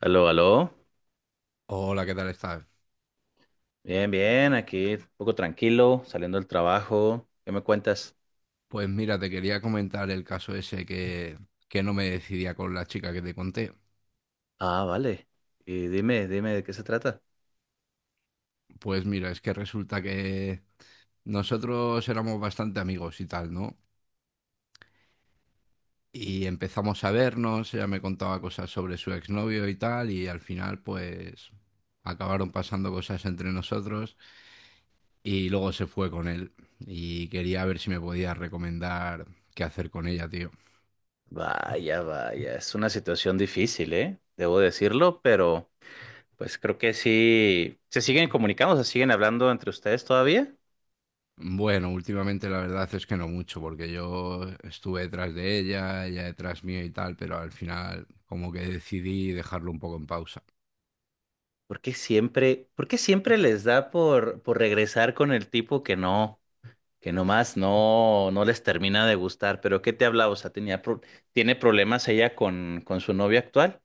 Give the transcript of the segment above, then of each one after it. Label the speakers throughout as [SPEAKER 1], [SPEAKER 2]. [SPEAKER 1] Aló, aló.
[SPEAKER 2] Hola, ¿qué tal estás?
[SPEAKER 1] Bien, bien, aquí un poco tranquilo, saliendo del trabajo. ¿Qué me cuentas?
[SPEAKER 2] Pues mira, te quería comentar el caso ese que no me decidía con la chica que te conté.
[SPEAKER 1] Ah, vale. Y dime de qué se trata.
[SPEAKER 2] Pues mira, es que resulta que nosotros éramos bastante amigos y tal, ¿no? Y empezamos a vernos, ella me contaba cosas sobre su exnovio y tal, y al final pues acabaron pasando cosas entre nosotros y luego se fue con él y quería ver si me podía recomendar qué hacer con ella, tío.
[SPEAKER 1] Vaya, vaya, es una situación difícil, ¿eh? Debo decirlo, pero pues creo que sí. ¿Se siguen comunicando? ¿Se siguen hablando entre ustedes todavía?
[SPEAKER 2] Bueno, últimamente la verdad es que no mucho, porque yo estuve detrás de ella, ella detrás mío y tal, pero al final como que decidí dejarlo un poco en pausa.
[SPEAKER 1] Por qué siempre les da por regresar con el tipo que no, que nomás no, no les termina de gustar? ¿Pero qué te hablaba? O sea, ¿tiene problemas ella con su novia actual?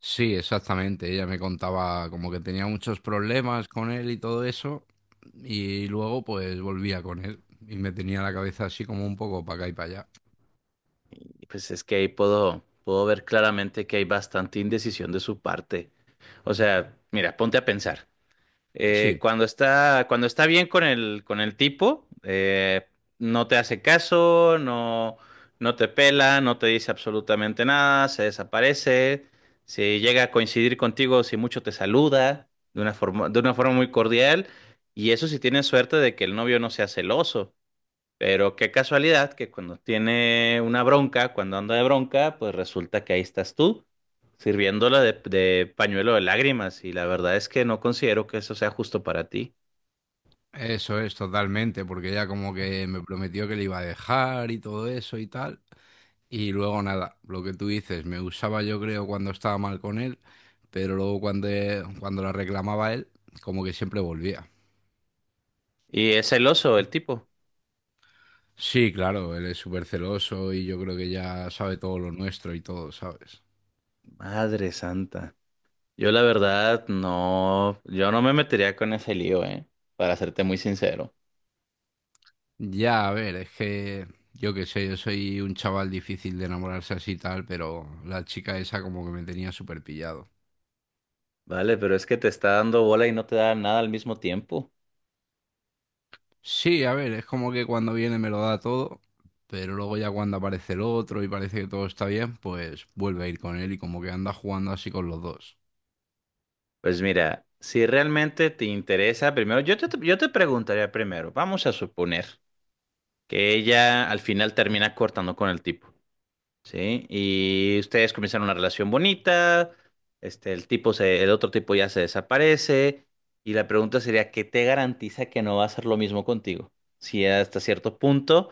[SPEAKER 2] Sí, exactamente, ella me contaba como que tenía muchos problemas con él y todo eso, y luego pues volvía con él y me tenía la cabeza así como un poco para acá y para allá.
[SPEAKER 1] Y pues es que ahí puedo ver claramente que hay bastante indecisión de su parte. O sea, mira, ponte a pensar.
[SPEAKER 2] Sí,
[SPEAKER 1] Cuando está, cuando está bien con el tipo, no te hace caso, no, no te pela, no te dice absolutamente nada, se desaparece. Si llega a coincidir contigo, si mucho te saluda de una forma muy cordial. Y eso si tienes suerte de que el novio no sea celoso. Pero qué casualidad que cuando tiene una bronca, cuando anda de bronca, pues resulta que ahí estás tú, sirviéndola de pañuelo de lágrimas. Y la verdad es que no considero que eso sea justo para ti.
[SPEAKER 2] eso es totalmente, porque ella como que me prometió que le iba a dejar y todo eso y tal. Y luego nada, lo que tú dices, me usaba yo creo cuando estaba mal con él, pero luego cuando la reclamaba él, como que siempre volvía.
[SPEAKER 1] Y es celoso el tipo.
[SPEAKER 2] Sí, claro, él es súper celoso y yo creo que ya sabe todo lo nuestro y todo, ¿sabes?
[SPEAKER 1] Madre santa. Yo la verdad no, yo no me metería con ese lío, ¿eh? Para serte muy sincero.
[SPEAKER 2] Ya, a ver, es que yo qué sé, yo soy un chaval difícil de enamorarse así y tal, pero la chica esa como que me tenía súper pillado.
[SPEAKER 1] Vale, pero es que te está dando bola y no te da nada al mismo tiempo.
[SPEAKER 2] Sí, a ver, es como que cuando viene me lo da todo, pero luego ya cuando aparece el otro y parece que todo está bien, pues vuelve a ir con él y como que anda jugando así con los dos.
[SPEAKER 1] Pues mira, si realmente te interesa, primero, yo te preguntaría primero, vamos a suponer que ella al final termina cortando con el tipo, ¿sí? Y ustedes comienzan una relación bonita, este, el otro tipo ya se desaparece, y la pregunta sería, ¿qué te garantiza que no va a hacer lo mismo contigo? Si hasta cierto punto,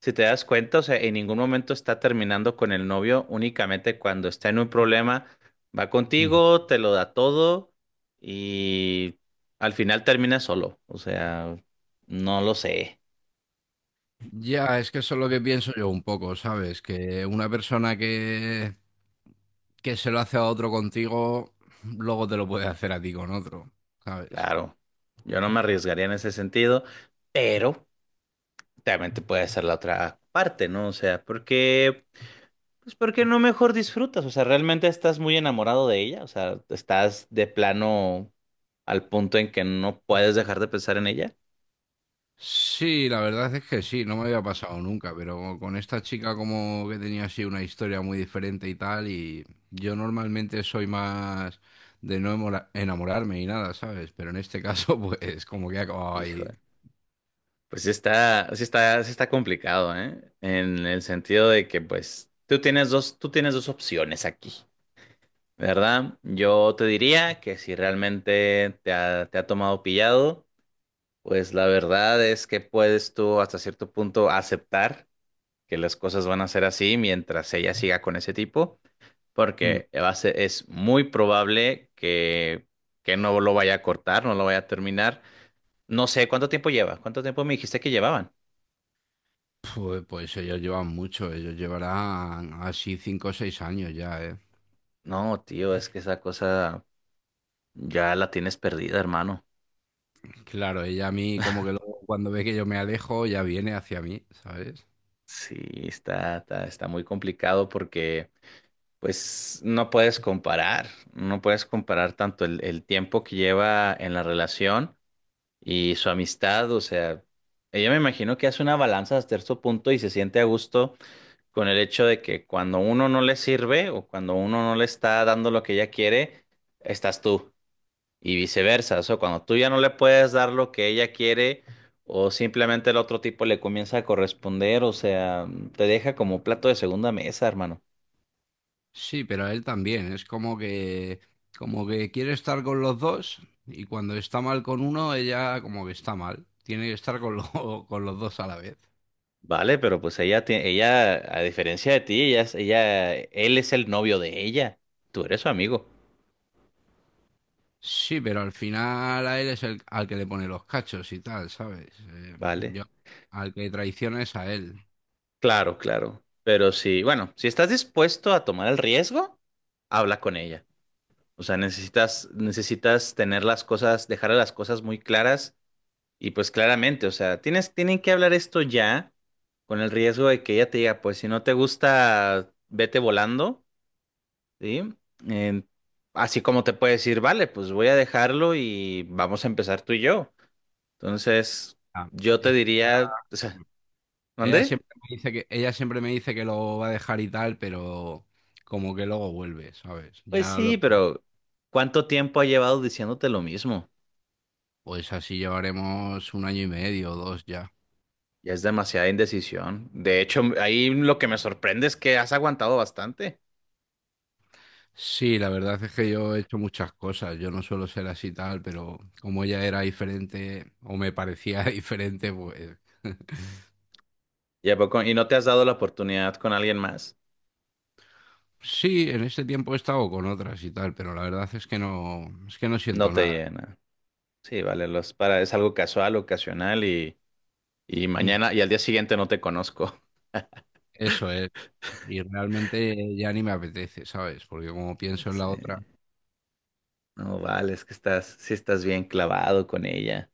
[SPEAKER 1] si te das cuenta, o sea, en ningún momento está terminando con el novio, únicamente cuando está en un problema, va
[SPEAKER 2] Ujú.
[SPEAKER 1] contigo, te lo da todo, y al final termina solo, o sea, no lo sé.
[SPEAKER 2] Ya, es que eso es lo que pienso yo un poco, ¿sabes? Que una persona que se lo hace a otro contigo, luego te lo puede hacer a ti con otro, ¿sabes?
[SPEAKER 1] Claro, yo no me arriesgaría en ese sentido, pero también te puede ser la otra parte, ¿no? O sea, porque, pues, ¿porque no mejor disfrutas? O sea, ¿realmente estás muy enamorado de ella? O sea, ¿estás de plano al punto en que no puedes dejar de pensar en ella?
[SPEAKER 2] Sí, la verdad es que sí, no me había pasado nunca, pero con esta chica como que tenía así una historia muy diferente y tal, y yo normalmente soy más de no enamorarme y nada, ¿sabes? Pero en este caso, pues como que he acabado
[SPEAKER 1] Hijo,
[SPEAKER 2] ahí.
[SPEAKER 1] pues sí está complicado, ¿eh? En el sentido de que, pues, tú tienes dos opciones aquí, ¿verdad? Yo te diría que si realmente te ha tomado pillado. Pues la verdad es que puedes tú hasta cierto punto aceptar que las cosas van a ser así mientras ella siga con ese tipo,
[SPEAKER 2] Mm.
[SPEAKER 1] porque es muy probable que no lo vaya a cortar, no lo vaya a terminar. No sé cuánto tiempo lleva, cuánto tiempo me dijiste que llevaban.
[SPEAKER 2] Pues ellos llevan mucho, ellos llevarán así 5 o 6 años ya, ¿eh?
[SPEAKER 1] No, tío, es que esa cosa ya la tienes perdida, hermano.
[SPEAKER 2] Claro, ella a mí como que luego cuando ve que yo me alejo ya viene hacia mí, ¿sabes?
[SPEAKER 1] Sí, está muy complicado porque pues no puedes comparar, no puedes comparar tanto el tiempo que lleva en la relación y su amistad, o sea, ella me imagino que hace una balanza hasta cierto punto y se siente a gusto con el hecho de que cuando uno no le sirve o cuando uno no le está dando lo que ella quiere, estás tú. Y viceversa, o sea, cuando tú ya no le puedes dar lo que ella quiere o simplemente el otro tipo le comienza a corresponder, o sea, te deja como plato de segunda mesa, hermano.
[SPEAKER 2] Sí, pero a él también. Es como que quiere estar con los dos y cuando está mal con uno, ella como que está mal. Tiene que estar con los dos a la vez.
[SPEAKER 1] Vale, pero pues ella, tie- ella, a diferencia de ti, ella, es- ella, él es el novio de ella, tú eres su amigo,
[SPEAKER 2] Sí, pero al final a él es el al que le pone los cachos y tal, ¿sabes?
[SPEAKER 1] ¿vale?
[SPEAKER 2] Al que traiciona es a él.
[SPEAKER 1] Claro, claro. Pero sí, bueno, si estás dispuesto a tomar el riesgo, habla con ella. O sea, necesitas tener las cosas, dejar las cosas muy claras y pues claramente, o sea, tienen que hablar esto ya con el riesgo de que ella te diga, pues si no te gusta, vete volando, ¿sí? Eh, Así como te puede decir, vale, pues voy a dejarlo y vamos a empezar tú y yo. Entonces,
[SPEAKER 2] Ah,
[SPEAKER 1] yo te
[SPEAKER 2] es-
[SPEAKER 1] diría, o sea,
[SPEAKER 2] ella
[SPEAKER 1] ¿dónde?
[SPEAKER 2] siempre me dice que, ella siempre me dice que lo va a dejar y tal, pero como que luego vuelve, ¿sabes?
[SPEAKER 1] Pues sí, pero ¿cuánto tiempo ha llevado diciéndote lo mismo?
[SPEAKER 2] Pues así llevaremos un año y medio o dos ya.
[SPEAKER 1] Ya es demasiada indecisión. De hecho, ahí lo que me sorprende es que has aguantado bastante.
[SPEAKER 2] Sí, la verdad es que yo he hecho muchas cosas. Yo no suelo ser así tal, pero como ella era diferente o me parecía diferente, pues
[SPEAKER 1] Y no te has dado la oportunidad con alguien más?
[SPEAKER 2] sí, en este tiempo he estado con otras y tal, pero la verdad es que no
[SPEAKER 1] No
[SPEAKER 2] siento
[SPEAKER 1] te
[SPEAKER 2] nada.
[SPEAKER 1] llena. Sí, vale, los para, es algo casual, ocasional y
[SPEAKER 2] Mm.
[SPEAKER 1] mañana y al día siguiente no te conozco.
[SPEAKER 2] Eso es. Y realmente ya ni me apetece, ¿sabes? Porque como pienso en la
[SPEAKER 1] Sí.
[SPEAKER 2] otra,
[SPEAKER 1] No, vale, es que estás, sí estás bien clavado con ella.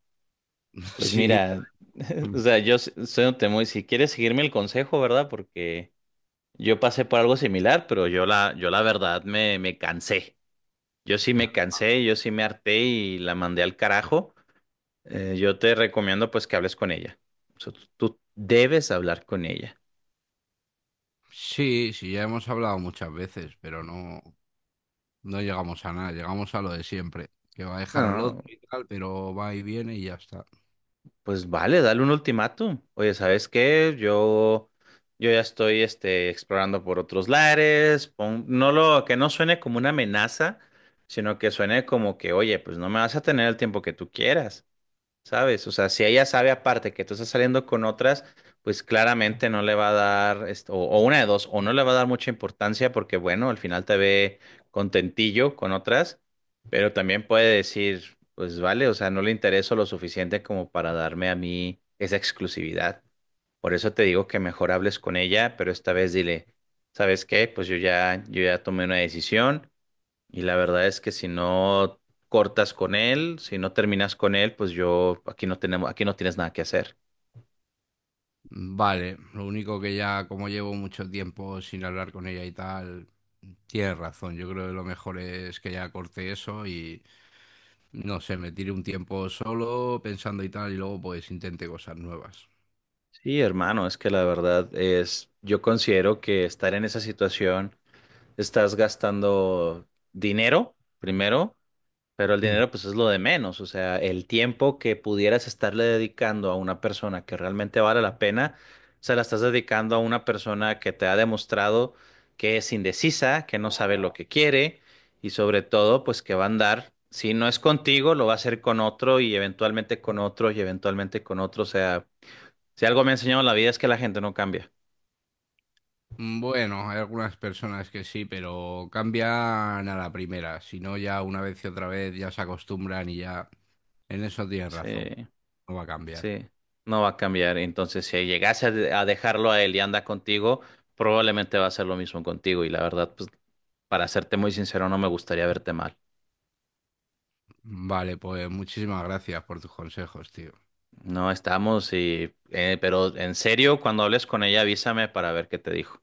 [SPEAKER 1] Pues
[SPEAKER 2] sí,
[SPEAKER 1] mira, o sea, soy un temo y si quieres seguirme el consejo, ¿verdad? Porque yo pasé por algo similar, pero yo la verdad me cansé. Yo sí me cansé, yo sí me harté y la mandé al carajo. Yo te recomiendo pues que hables con ella. O sea, tú debes hablar con ella.
[SPEAKER 2] sí, sí, ya hemos hablado muchas veces, pero no, no llegamos a nada. Llegamos a lo de siempre, que va a dejar al otro
[SPEAKER 1] No,
[SPEAKER 2] y tal, pero va y viene y ya está.
[SPEAKER 1] pues vale, dale un ultimátum. Oye, ¿sabes qué? Yo ya estoy este, explorando por otros lares. Que no suene como una amenaza, sino que suene como que, oye, pues no me vas a tener el tiempo que tú quieras. ¿Sabes? O sea, si ella sabe aparte que tú estás saliendo con otras, pues claramente no le va a dar, esto, o una de dos, o no le va a dar mucha importancia porque, bueno, al final te ve contentillo con otras, pero también puede decir, pues vale, o sea, no le intereso lo suficiente como para darme a mí esa exclusividad. Por eso te digo que mejor hables con ella, pero esta vez dile, ¿sabes qué? Pues yo ya tomé una decisión, y la verdad es que si no cortas con él, si no terminas con él, pues yo aquí no tenemos, aquí no tienes nada que hacer.
[SPEAKER 2] Vale, lo único que ya como llevo mucho tiempo sin hablar con ella y tal, tienes razón, yo creo que lo mejor es que ya corte eso y no sé, me tire un tiempo solo pensando y tal y luego pues intente cosas nuevas.
[SPEAKER 1] Sí, hermano, es que la verdad es, yo considero que estar en esa situación, estás gastando dinero primero. Pero el
[SPEAKER 2] Mm.
[SPEAKER 1] dinero pues es lo de menos, o sea, el tiempo que pudieras estarle dedicando a una persona que realmente vale la pena, se la estás dedicando a una persona que te ha demostrado que es indecisa, que no sabe lo que quiere y sobre todo pues que va a andar, si no es contigo, lo va a hacer con otro y eventualmente con otro y eventualmente con otro, o sea, si algo me ha enseñado la vida es que la gente no cambia.
[SPEAKER 2] Bueno, hay algunas personas que sí, pero cambian a la primera, si no ya una vez y otra vez ya se acostumbran y ya en eso tienes razón,
[SPEAKER 1] Sí.
[SPEAKER 2] no va a cambiar.
[SPEAKER 1] Sí, no va a cambiar. Entonces, si llegase a a dejarlo a él y anda contigo, probablemente va a hacer lo mismo contigo. Y la verdad, pues, para serte muy sincero, no me gustaría verte mal.
[SPEAKER 2] Vale, pues muchísimas gracias por tus consejos, tío.
[SPEAKER 1] No estamos y, pero en serio, cuando hables con ella, avísame para ver qué te dijo.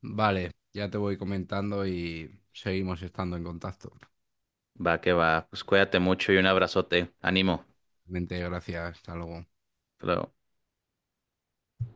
[SPEAKER 2] Vale, ya te voy comentando y seguimos estando en contacto.
[SPEAKER 1] Va que va, pues cuídate mucho y un abrazote. Ánimo.
[SPEAKER 2] Mente, gracias, hasta luego.
[SPEAKER 1] Hasta luego.